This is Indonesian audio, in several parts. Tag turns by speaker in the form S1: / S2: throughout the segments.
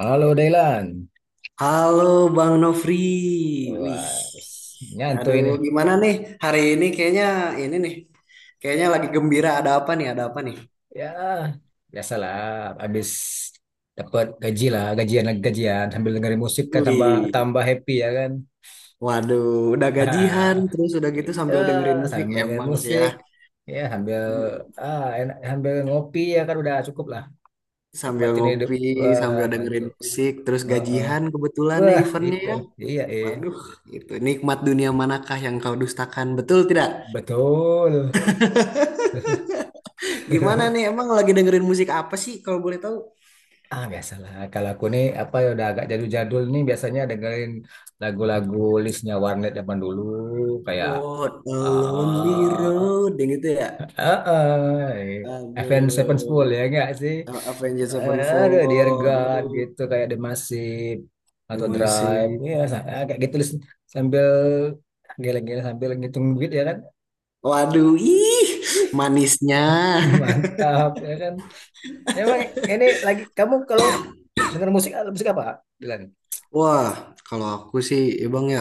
S1: Halo Dailan.
S2: Halo Bang Nofri, wih,
S1: Wah, nyantui
S2: aduh
S1: ini.
S2: gimana nih hari ini kayaknya ini nih, kayaknya lagi gembira ada apa nih, ada apa nih?
S1: Ya, biasalah. Habis dapat gaji lah, gajian lagi gajian. Sambil dengerin musik kan tambah
S2: Wih,
S1: tambah happy ya kan.
S2: waduh, udah gajian terus udah gitu
S1: Ya,
S2: sambil dengerin musik
S1: sambil dengerin
S2: emang sih ya,
S1: musik. Ya, sambil enak, sambil ngopi ya kan udah cukup lah.
S2: sambil
S1: Nikmatin hidup.
S2: ngopi
S1: Wah,
S2: sambil
S1: itu.
S2: dengerin musik terus
S1: Heeh.
S2: gajian kebetulan ya
S1: Wah,
S2: eventnya
S1: itu.
S2: ya,
S1: Iya,
S2: waduh itu nikmat dunia manakah yang kau dustakan betul tidak?
S1: betul.
S2: Gimana nih emang lagi dengerin musik apa sih kalau boleh tahu?
S1: Ah, biasalah. Kalau aku nih apa ya udah agak jadul-jadul nih biasanya dengerin lagu-lagu listnya Warnet zaman dulu kayak
S2: What a
S1: eh
S2: Lonely Road yang itu ya.
S1: Avenged Sevenfold
S2: Aduh,
S1: ya enggak sih?
S2: Avengers
S1: Eh, aduh, Dear
S2: Sevenfold.
S1: God
S2: Aduh,
S1: gitu kayak The Massive
S2: udah
S1: atau
S2: masih.
S1: Drive ya kayak gitu list sambil geleng-geleng sambil ngitung duit ya kan.
S2: Waduh, ih,
S1: Ih,
S2: manisnya.
S1: mantap ya kan. Emang ini lagi kamu kalau denger musik musik apa? Dilan?
S2: Wah, kalau aku sih, ya Bang ya,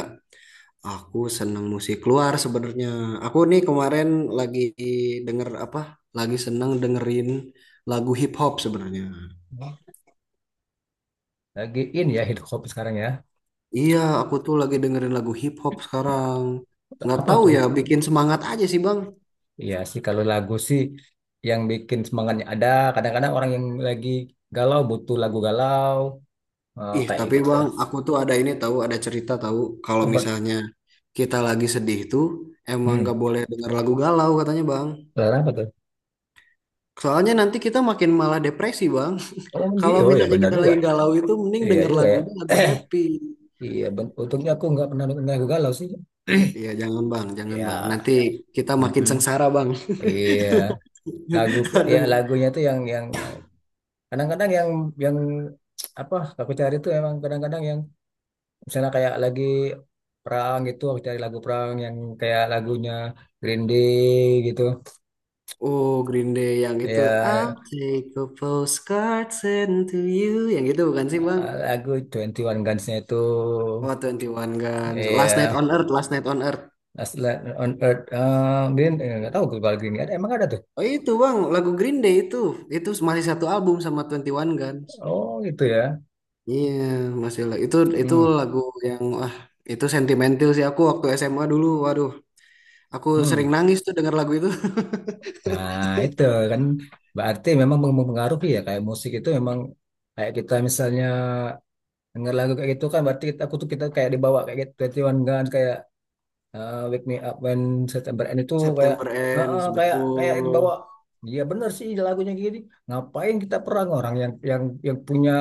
S2: aku seneng musik luar sebenarnya. Aku nih kemarin lagi denger apa? Lagi seneng dengerin lagu hip hop sebenarnya.
S1: Lagi in ya hip hop sekarang ya.
S2: Iya, aku tuh lagi dengerin lagu hip hop sekarang. Nggak
S1: Apa
S2: tahu
S1: tuh?
S2: ya, bikin semangat aja sih Bang.
S1: Iya sih kalau lagu sih yang bikin semangatnya ada. Kadang-kadang orang yang lagi galau butuh lagu galau.
S2: Ih,
S1: Kayak
S2: tapi
S1: gitu.
S2: Bang, aku tuh ada ini tahu, ada cerita tahu kalau
S1: Apa tuh?
S2: misalnya kita lagi sedih tuh emang
S1: Hmm.
S2: nggak boleh denger lagu galau katanya, Bang.
S1: Selera apa tuh?
S2: Soalnya nanti kita makin malah depresi, Bang.
S1: Oh, gitu.
S2: Kalau
S1: Oh ya
S2: misalnya
S1: benar
S2: kita
S1: juga.
S2: lagi galau itu mending
S1: Iya
S2: denger
S1: juga ya.
S2: lagunya lagu
S1: eh
S2: happy.
S1: iya, untungnya aku nggak pernah dengar lagu galau sih.
S2: Iya, jangan, Bang, jangan,
S1: Ya.
S2: Bang. Nanti kita makin
S1: Mhm.
S2: sengsara, Bang.
S1: Iya, lagu, ya
S2: Aduh.
S1: lagunya tuh yang kadang-kadang yang apa, aku cari tuh emang kadang-kadang yang misalnya kayak lagi perang gitu, aku cari lagu perang yang kayak lagunya Green Day gitu,
S2: Oh, Green Day yang itu I'll
S1: ya
S2: take a postcard sent to you. Yang itu bukan sih, Bang?
S1: lagu 21 Guns-nya itu,
S2: Oh, 21 Guns. Last Night
S1: ya
S2: on Earth, Last Night on Earth.
S1: Last Light on Earth. Green, nggak tahu kalau Green Day ada, emang ada tuh.
S2: Oh itu bang, lagu Green Day itu masih satu album sama Twenty One Guns.
S1: Oh gitu ya.
S2: Iya, masih itu
S1: Hmm.
S2: lagu yang wah itu sentimental sih aku waktu SMA dulu. Waduh, aku sering
S1: Hmm.
S2: nangis tuh denger lagu itu.
S1: Nah itu kan berarti memang mempengaruhi ya, kayak musik itu memang kayak kita misalnya denger lagu kayak gitu kan berarti kita, aku tuh kita kayak dibawa kayak gitu, twenty One Guns kayak Wake Me Up When September End itu kayak
S2: September
S1: heeh,
S2: Ends,
S1: kayak kayak dibawa.
S2: betul,
S1: Dia bener sih lagunya gini, ngapain kita perang, orang yang yang punya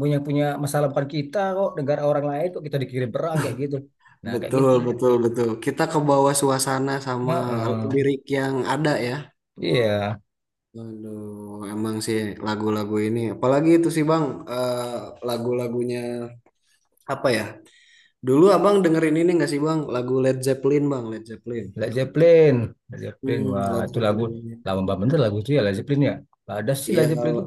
S1: punya punya masalah bukan kita kok, negara orang lain kok kita dikirim perang kayak gitu. Nah kayak
S2: betul,
S1: gitu.
S2: betul, betul. Kita ke bawah suasana sama
S1: Heeh.
S2: lirik yang ada ya.
S1: Iya.
S2: Waduh, emang sih lagu-lagu ini, apalagi itu sih bang, eh, lagu-lagunya apa ya? Dulu abang dengerin ini nggak sih bang? Lagu Led Zeppelin bang, Led Zeppelin.
S1: Led Zeppelin, Led Zeppelin,
S2: Hmm,
S1: wah
S2: Led
S1: itu lagu
S2: Zeppelin.
S1: lama bener lagu itu ya, Led Zeppelin ya. Ada sih Led
S2: Iya,
S1: Zeppelin itu,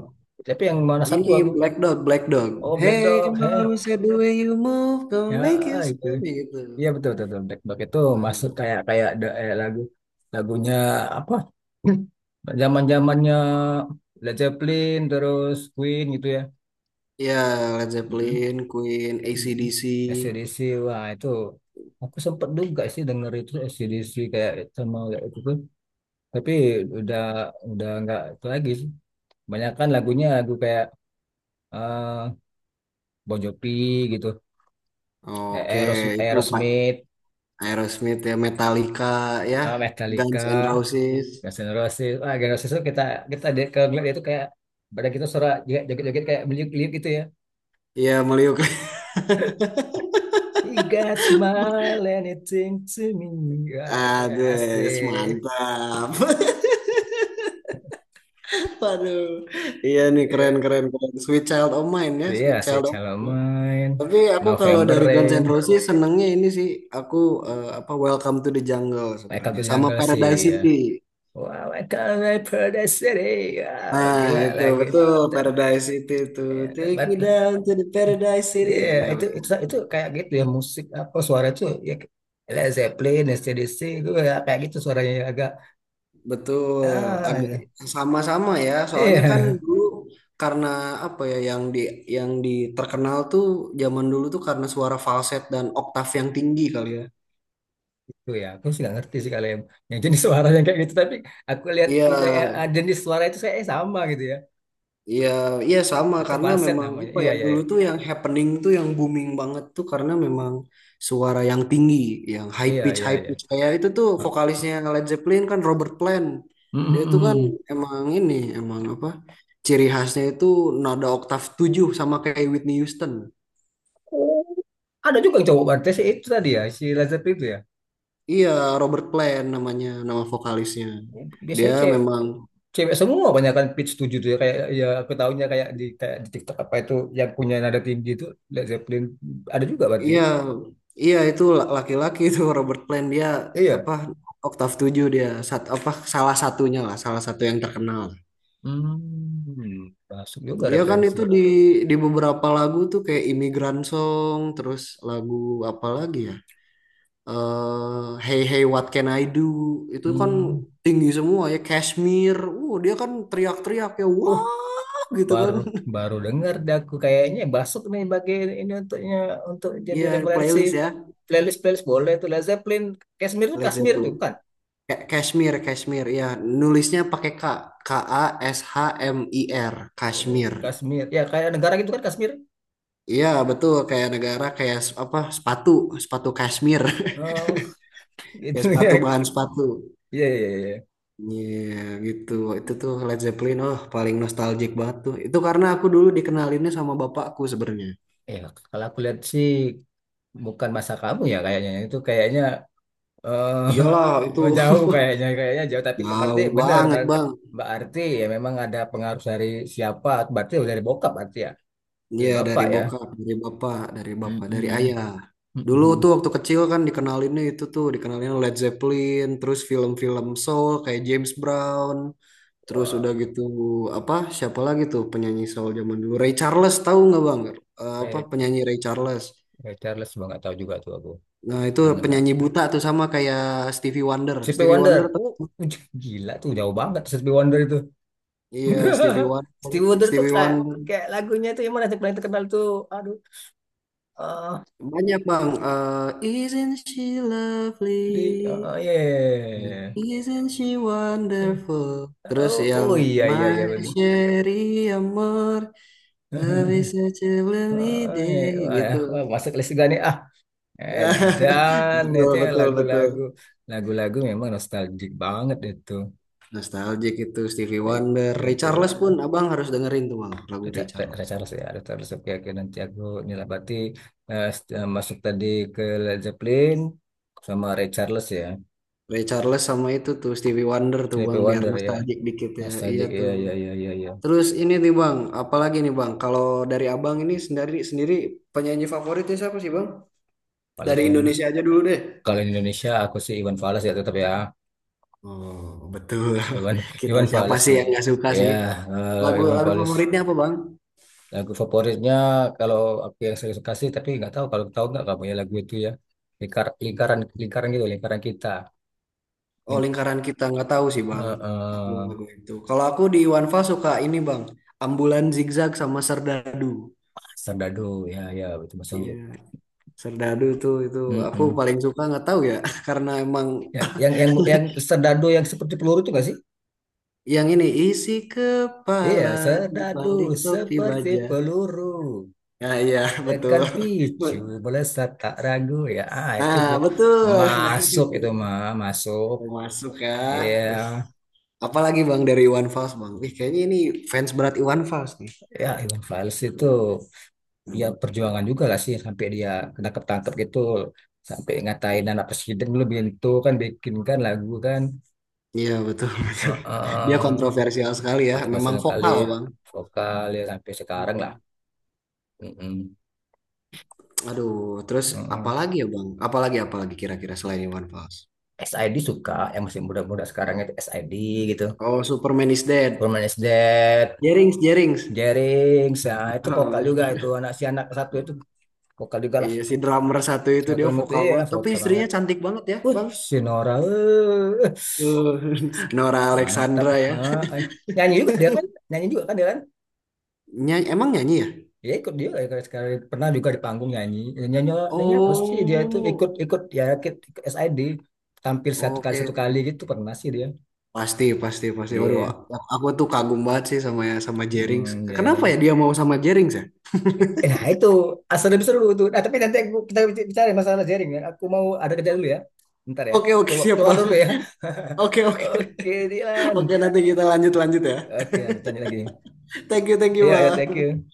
S1: tapi yang mana satu
S2: ini
S1: aku.
S2: Black Dog, Black Dog.
S1: Oh, Black
S2: Hey,
S1: Dog, heh.
S2: Mama said the way you move,
S1: Ya
S2: don't make you
S1: itu,
S2: spin gitu.
S1: iya betul, betul, betul. Black Block itu masuk
S2: Nah,
S1: kayak kayak lagu lagunya apa? Zaman-zamannya Led Zeppelin terus Queen gitu ya.
S2: ya Led
S1: Mm-mm.
S2: Zeppelin, Queen,
S1: Mm-mm.
S2: AC/DC.
S1: AC/DC, wah itu aku sempet juga sih denger itu AC/DC kayak sama kayak itu tuh. Tapi udah udah nggak itu lagi sih. Kebanyakan lagunya lagu kayak eh Bon Jovi gitu, eh,
S2: Oke, itu Pak
S1: Aerosmith,
S2: Aerosmith ya, Metallica ya,
S1: eh, Metallica.
S2: Guns N' Roses.
S1: Gas generasi, wah, generasi itu kita, kita di, kalau ngeliat dia itu kayak badan kita suara juga joget-joget kayak meliuk-liuk gitu ya.
S2: Iya, meliuk.
S1: You got smile anything to me. Wah, itu kayak
S2: Ades,
S1: asik.
S2: mantap. Waduh. Iya nih keren
S1: Iya.
S2: keren keren. Sweet Child of Mine
S1: So,
S2: ya,
S1: iya
S2: Sweet
S1: sih
S2: Child of
S1: Shallow
S2: Mine. Ya.
S1: main,
S2: Tapi aku kalau
S1: November
S2: dari Guns
S1: Rain,
S2: N' Roses senengnya ini sih aku apa Welcome to the Jungle
S1: Welcome
S2: sebenarnya
S1: to
S2: sama
S1: Jungle sih
S2: Paradise
S1: ya.
S2: City.
S1: Wow, welcome to Paradise City. Wow,
S2: Nah,
S1: gila
S2: itu
S1: lagi.
S2: betul
S1: Te-
S2: Paradise City itu.
S1: Ya,
S2: Take
S1: tebat
S2: me
S1: lah.
S2: down to the Paradise City.
S1: Iya,
S2: Ya, ya,
S1: itu,
S2: betul.
S1: itu kayak gitu ya, musik apa suara itu ya, Led Zeppelin, AC/DC itu ya kayak gitu suaranya ya, agak.
S2: Betul,
S1: Ah,
S2: agak
S1: ya.
S2: sama-sama ya. Soalnya kan
S1: Iya.
S2: dulu karena apa ya yang di terkenal tuh zaman dulu tuh karena suara falset dan oktav yang tinggi kali ya.
S1: Tuh ya, aku sih nggak ngerti sih kalau yang jenis suara yang kayak gitu. Tapi aku lihat,
S2: Iya,
S1: saya jenis suara itu saya sama gitu ya.
S2: iya, iya sama
S1: Itu
S2: karena
S1: falset
S2: memang
S1: namanya.
S2: apa
S1: Iya,
S2: ya
S1: iya,
S2: dulu
S1: iya.
S2: tuh yang happening tuh yang booming banget tuh karena memang suara yang tinggi, yang
S1: Iya, iya,
S2: high
S1: iya.
S2: pitch kayak itu tuh
S1: Ah.
S2: vokalisnya Led Zeppelin kan Robert Plant.
S1: Mm,
S2: Dia tuh
S1: mm,
S2: kan
S1: mm.
S2: emang ini emang apa ciri khasnya itu nada oktav 7 sama kayak Whitney Houston.
S1: Oh, ada juga yang cowok berarti sih itu tadi ya, si Lazar itu ya.
S2: Iya, Robert Plant namanya nama vokalisnya. Dia
S1: Biasanya cewek,
S2: memang.
S1: cewek semua banyak kan pitch 7 tuh ya. Kayak, ya aku tahunya kayak di TikTok apa itu yang punya nada tinggi itu Led Zeppelin ada juga berarti
S2: Iya,
S1: ya.
S2: iya, itu laki-laki itu Robert Plant dia apa
S1: Iya.
S2: oktav 7 dia apa salah satunya lah, salah satu yang terkenal.
S1: Hmm, masuk juga
S2: Dia kan
S1: referensi.
S2: itu di beberapa lagu tuh kayak Immigrant Song, terus lagu apa lagi ya? Hey Hey What Can I Do itu kan
S1: Hmm.
S2: tinggi semua ya Kashmir. Dia kan teriak-teriak ya
S1: Uh,
S2: wah gitu kan.
S1: baru baru dengar dah aku kayaknya Basuk nih, bagi ini untuknya untuk jadi
S2: Iya,
S1: referensi
S2: playlist ya
S1: playlist, playlist boleh tuh Led Zeppelin. Kashmir tuh,
S2: Led
S1: Kashmir tuh
S2: Zeppelin.
S1: kan.
S2: Kashmir, Kashmir, ya nulisnya pakai K, Kashmir,
S1: Oh,
S2: Kashmir.
S1: Kashmir ya, kayak negara gitu kan, Kashmir.
S2: Iya betul, kayak negara kayak apa sepatu, sepatu Kashmir,
S1: Oh.
S2: kayak
S1: Gitu ya.
S2: sepatu bahan sepatu.
S1: Iya iya iya.
S2: Iya gitu, itu tuh
S1: Hmm.
S2: Led Zeppelin, oh paling nostalgic banget tuh. Itu karena aku dulu dikenalinnya sama bapakku sebenarnya.
S1: Ya, kalau aku lihat sih bukan masa kamu ya kayaknya, itu kayaknya
S2: Iyalah itu
S1: jauh kayaknya, kayaknya jauh, tapi berarti
S2: jauh
S1: benar.
S2: banget bang.
S1: Berarti ya memang ada pengaruh dari siapa, berarti dari bokap berarti ya. Dari
S2: Iya dari
S1: bapak ya.
S2: bokap, dari bapak, dari bapak, dari
S1: Mm-mm.
S2: ayah. Dulu
S1: Mm-mm.
S2: tuh waktu kecil kan dikenalinnya itu tuh dikenalin Led Zeppelin, terus film-film soul kayak James Brown, terus
S1: Wah,
S2: udah gitu apa siapa lagi tuh penyanyi soul zaman dulu Ray Charles tahu nggak bang? Apa
S1: Ray,
S2: penyanyi Ray Charles?
S1: Ray Charles bang, nggak tahu juga tuh aku.
S2: Nah itu
S1: Belum dengar.
S2: penyanyi buta tuh sama kayak Stevie Wonder.
S1: Stevie
S2: Stevie Wonder
S1: Wonder.
S2: tuh
S1: Gila tuh jauh banget Stevie Wonder itu.
S2: iya Stevie Wonder,
S1: Stevie Wonder tuh
S2: Stevie
S1: kayak,
S2: Wonder
S1: kayak lagunya tuh yang mana yang paling terkenal tuh. Aduh, ah,
S2: banyak bang. Isn't she
S1: di,
S2: lovely?
S1: ah, ya, ya, ya, ya.
S2: Isn't she wonderful? Terus
S1: Oh,
S2: yang
S1: oh iya iya
S2: My
S1: iya benar.
S2: Sherry Amor, love is such a lonely
S1: Ah, iya.
S2: day,
S1: Wah, ya.
S2: gitu.
S1: Wah, masuk list juga nih ah. Dan
S2: Betul,
S1: itu ya
S2: betul, betul.
S1: lagu-lagu memang nostalgic banget itu.
S2: Nostalgic itu Stevie
S1: Eh,
S2: Wonder. Ray
S1: Stevie
S2: Charles pun
S1: Wonder.
S2: abang harus dengerin tuh bang, lagu Ray
S1: Richard-
S2: Charles.
S1: Richarlison ya, Richarlison. Oke, oke. Nanti aku nilai berarti, masuk tadi ke Led Zeppelin sama Richarlison ya.
S2: Ray Charles sama itu tuh Stevie Wonder tuh
S1: CP
S2: bang, biar
S1: Wonder ya.
S2: nostalgic dikit ya. Iya
S1: Nostalgic,
S2: tuh.
S1: iya, iya, iya, iya, iya.
S2: Terus ini nih bang, apalagi nih bang, kalau dari abang ini sendiri sendiri penyanyi favoritnya siapa sih bang? Dari
S1: Walaupun yang-
S2: Indonesia aja dulu deh.
S1: Kalau di Indonesia aku sih Iwan Fals ya tetap ya.
S2: Oh, betul.
S1: Iwan
S2: Kita
S1: Iwan
S2: siapa
S1: Fals
S2: sih
S1: sih.
S2: yang nggak suka
S1: Ya,
S2: sih?
S1: eh,
S2: Lagu
S1: Iwan
S2: lagu
S1: Fals.
S2: favoritnya apa, Bang?
S1: Lagu favoritnya, kalau aku yang saya suka sih, tapi nggak tahu kalau tahu nggak kamu ya lagu itu ya. Lingkar, lingkaran, lingkaran gitu, lingkaran kita.
S2: Oh,
S1: Link,
S2: lingkaran kita nggak tahu sih, Bang.
S1: eh,
S2: Aku
S1: eh,
S2: lagu itu. Kalau aku di Iwanfa suka ini, Bang. Ambulan Zigzag sama Serdadu.
S1: Serdadu ya ya itu masuk.
S2: Iya, Serdadu tuh itu aku
S1: Mm-mm.
S2: paling suka nggak tahu ya, karena emang
S1: Yang, yang serdadu yang seperti peluru itu nggak sih?
S2: yang ini isi
S1: Iya,
S2: kepala di
S1: serdadu
S2: balik topi
S1: seperti
S2: baja.
S1: peluru.
S2: Nah, iya,
S1: Tekan
S2: betul.
S1: picu, melesat tak ragu ya. Ah, itu
S2: Nah,
S1: tuh
S2: betul. Nah,
S1: masuk, itu
S2: itu.
S1: mah masuk.
S2: Mau masuk ya.
S1: Iya,
S2: Wih. Apalagi Bang dari Iwan Fals Bang. Wih, kayaknya ini fans berat Iwan Fals nih.
S1: ya Iwan Fals itu ya perjuangan juga lah sih, sampai dia kena ketangkep gitu, sampai ngatain anak presiden dulu itu kan, bikinkan lagu kan.
S2: Iya betul, betul. Dia
S1: Heeh.
S2: kontroversial sekali ya. Memang
S1: Kontroversial kali,
S2: vokal Bang.
S1: vokal ya sampai sekarang lah.
S2: Hmm.
S1: Mm-mm.
S2: Aduh, terus
S1: Mm-mm.
S2: apalagi ya Bang? Apalagi apalagi kira-kira selain Iwan Fals?
S1: SID, suka yang masih muda-muda sekarang itu SID gitu.
S2: Oh, Superman is Dead.
S1: Furman is Dead.
S2: Jerings, Jerings.
S1: Jering ya itu vokal juga,
S2: Oh,
S1: itu anak si anak satu itu vokal juga lah,
S2: iya si drummer satu itu
S1: yang satu
S2: dia
S1: itu
S2: vokal
S1: ya
S2: banget. Tapi
S1: vokal banget.
S2: istrinya cantik banget ya
S1: Wih,
S2: Bang.
S1: si Nora, eh.
S2: Eh, Nora
S1: Mantap.
S2: Alexandra ya.
S1: Ah, ah. Nyanyi juga dia kan, nyanyi juga kan dia kan,
S2: Nyanyi, emang nyanyi ya?
S1: dia ikut dia kayak sekali pernah juga di panggung nyanyi, nyanyi, nyanyi apa sih dia itu ikut,
S2: Oh,
S1: ikut SID, tampil satu kali satu
S2: oke.
S1: kali gitu pernah sih dia.
S2: Pasti, pasti, pasti. Waduh,
S1: Iya.
S2: aku tuh kagum banget sih sama ya, sama Jerings.
S1: Hmm,
S2: Kenapa ya
S1: Jering.
S2: dia mau sama Jerings ya?
S1: Eh, nah itu asal lebih seru itu. Nah tapi nanti aku, kita bicara masalah jaring ya. Aku mau ada kerja dulu ya. Bentar ya.
S2: Oke, oke,
S1: Keluar,
S2: siap
S1: keluar dulu
S2: Bang.
S1: ya.
S2: Oke, oke.
S1: Oke Dilan.
S2: Oke, nanti kita lanjut-lanjut ya.
S1: Oke lanjut lanjut lagi.
S2: Thank you
S1: Iya ya thank
S2: Bang.
S1: you.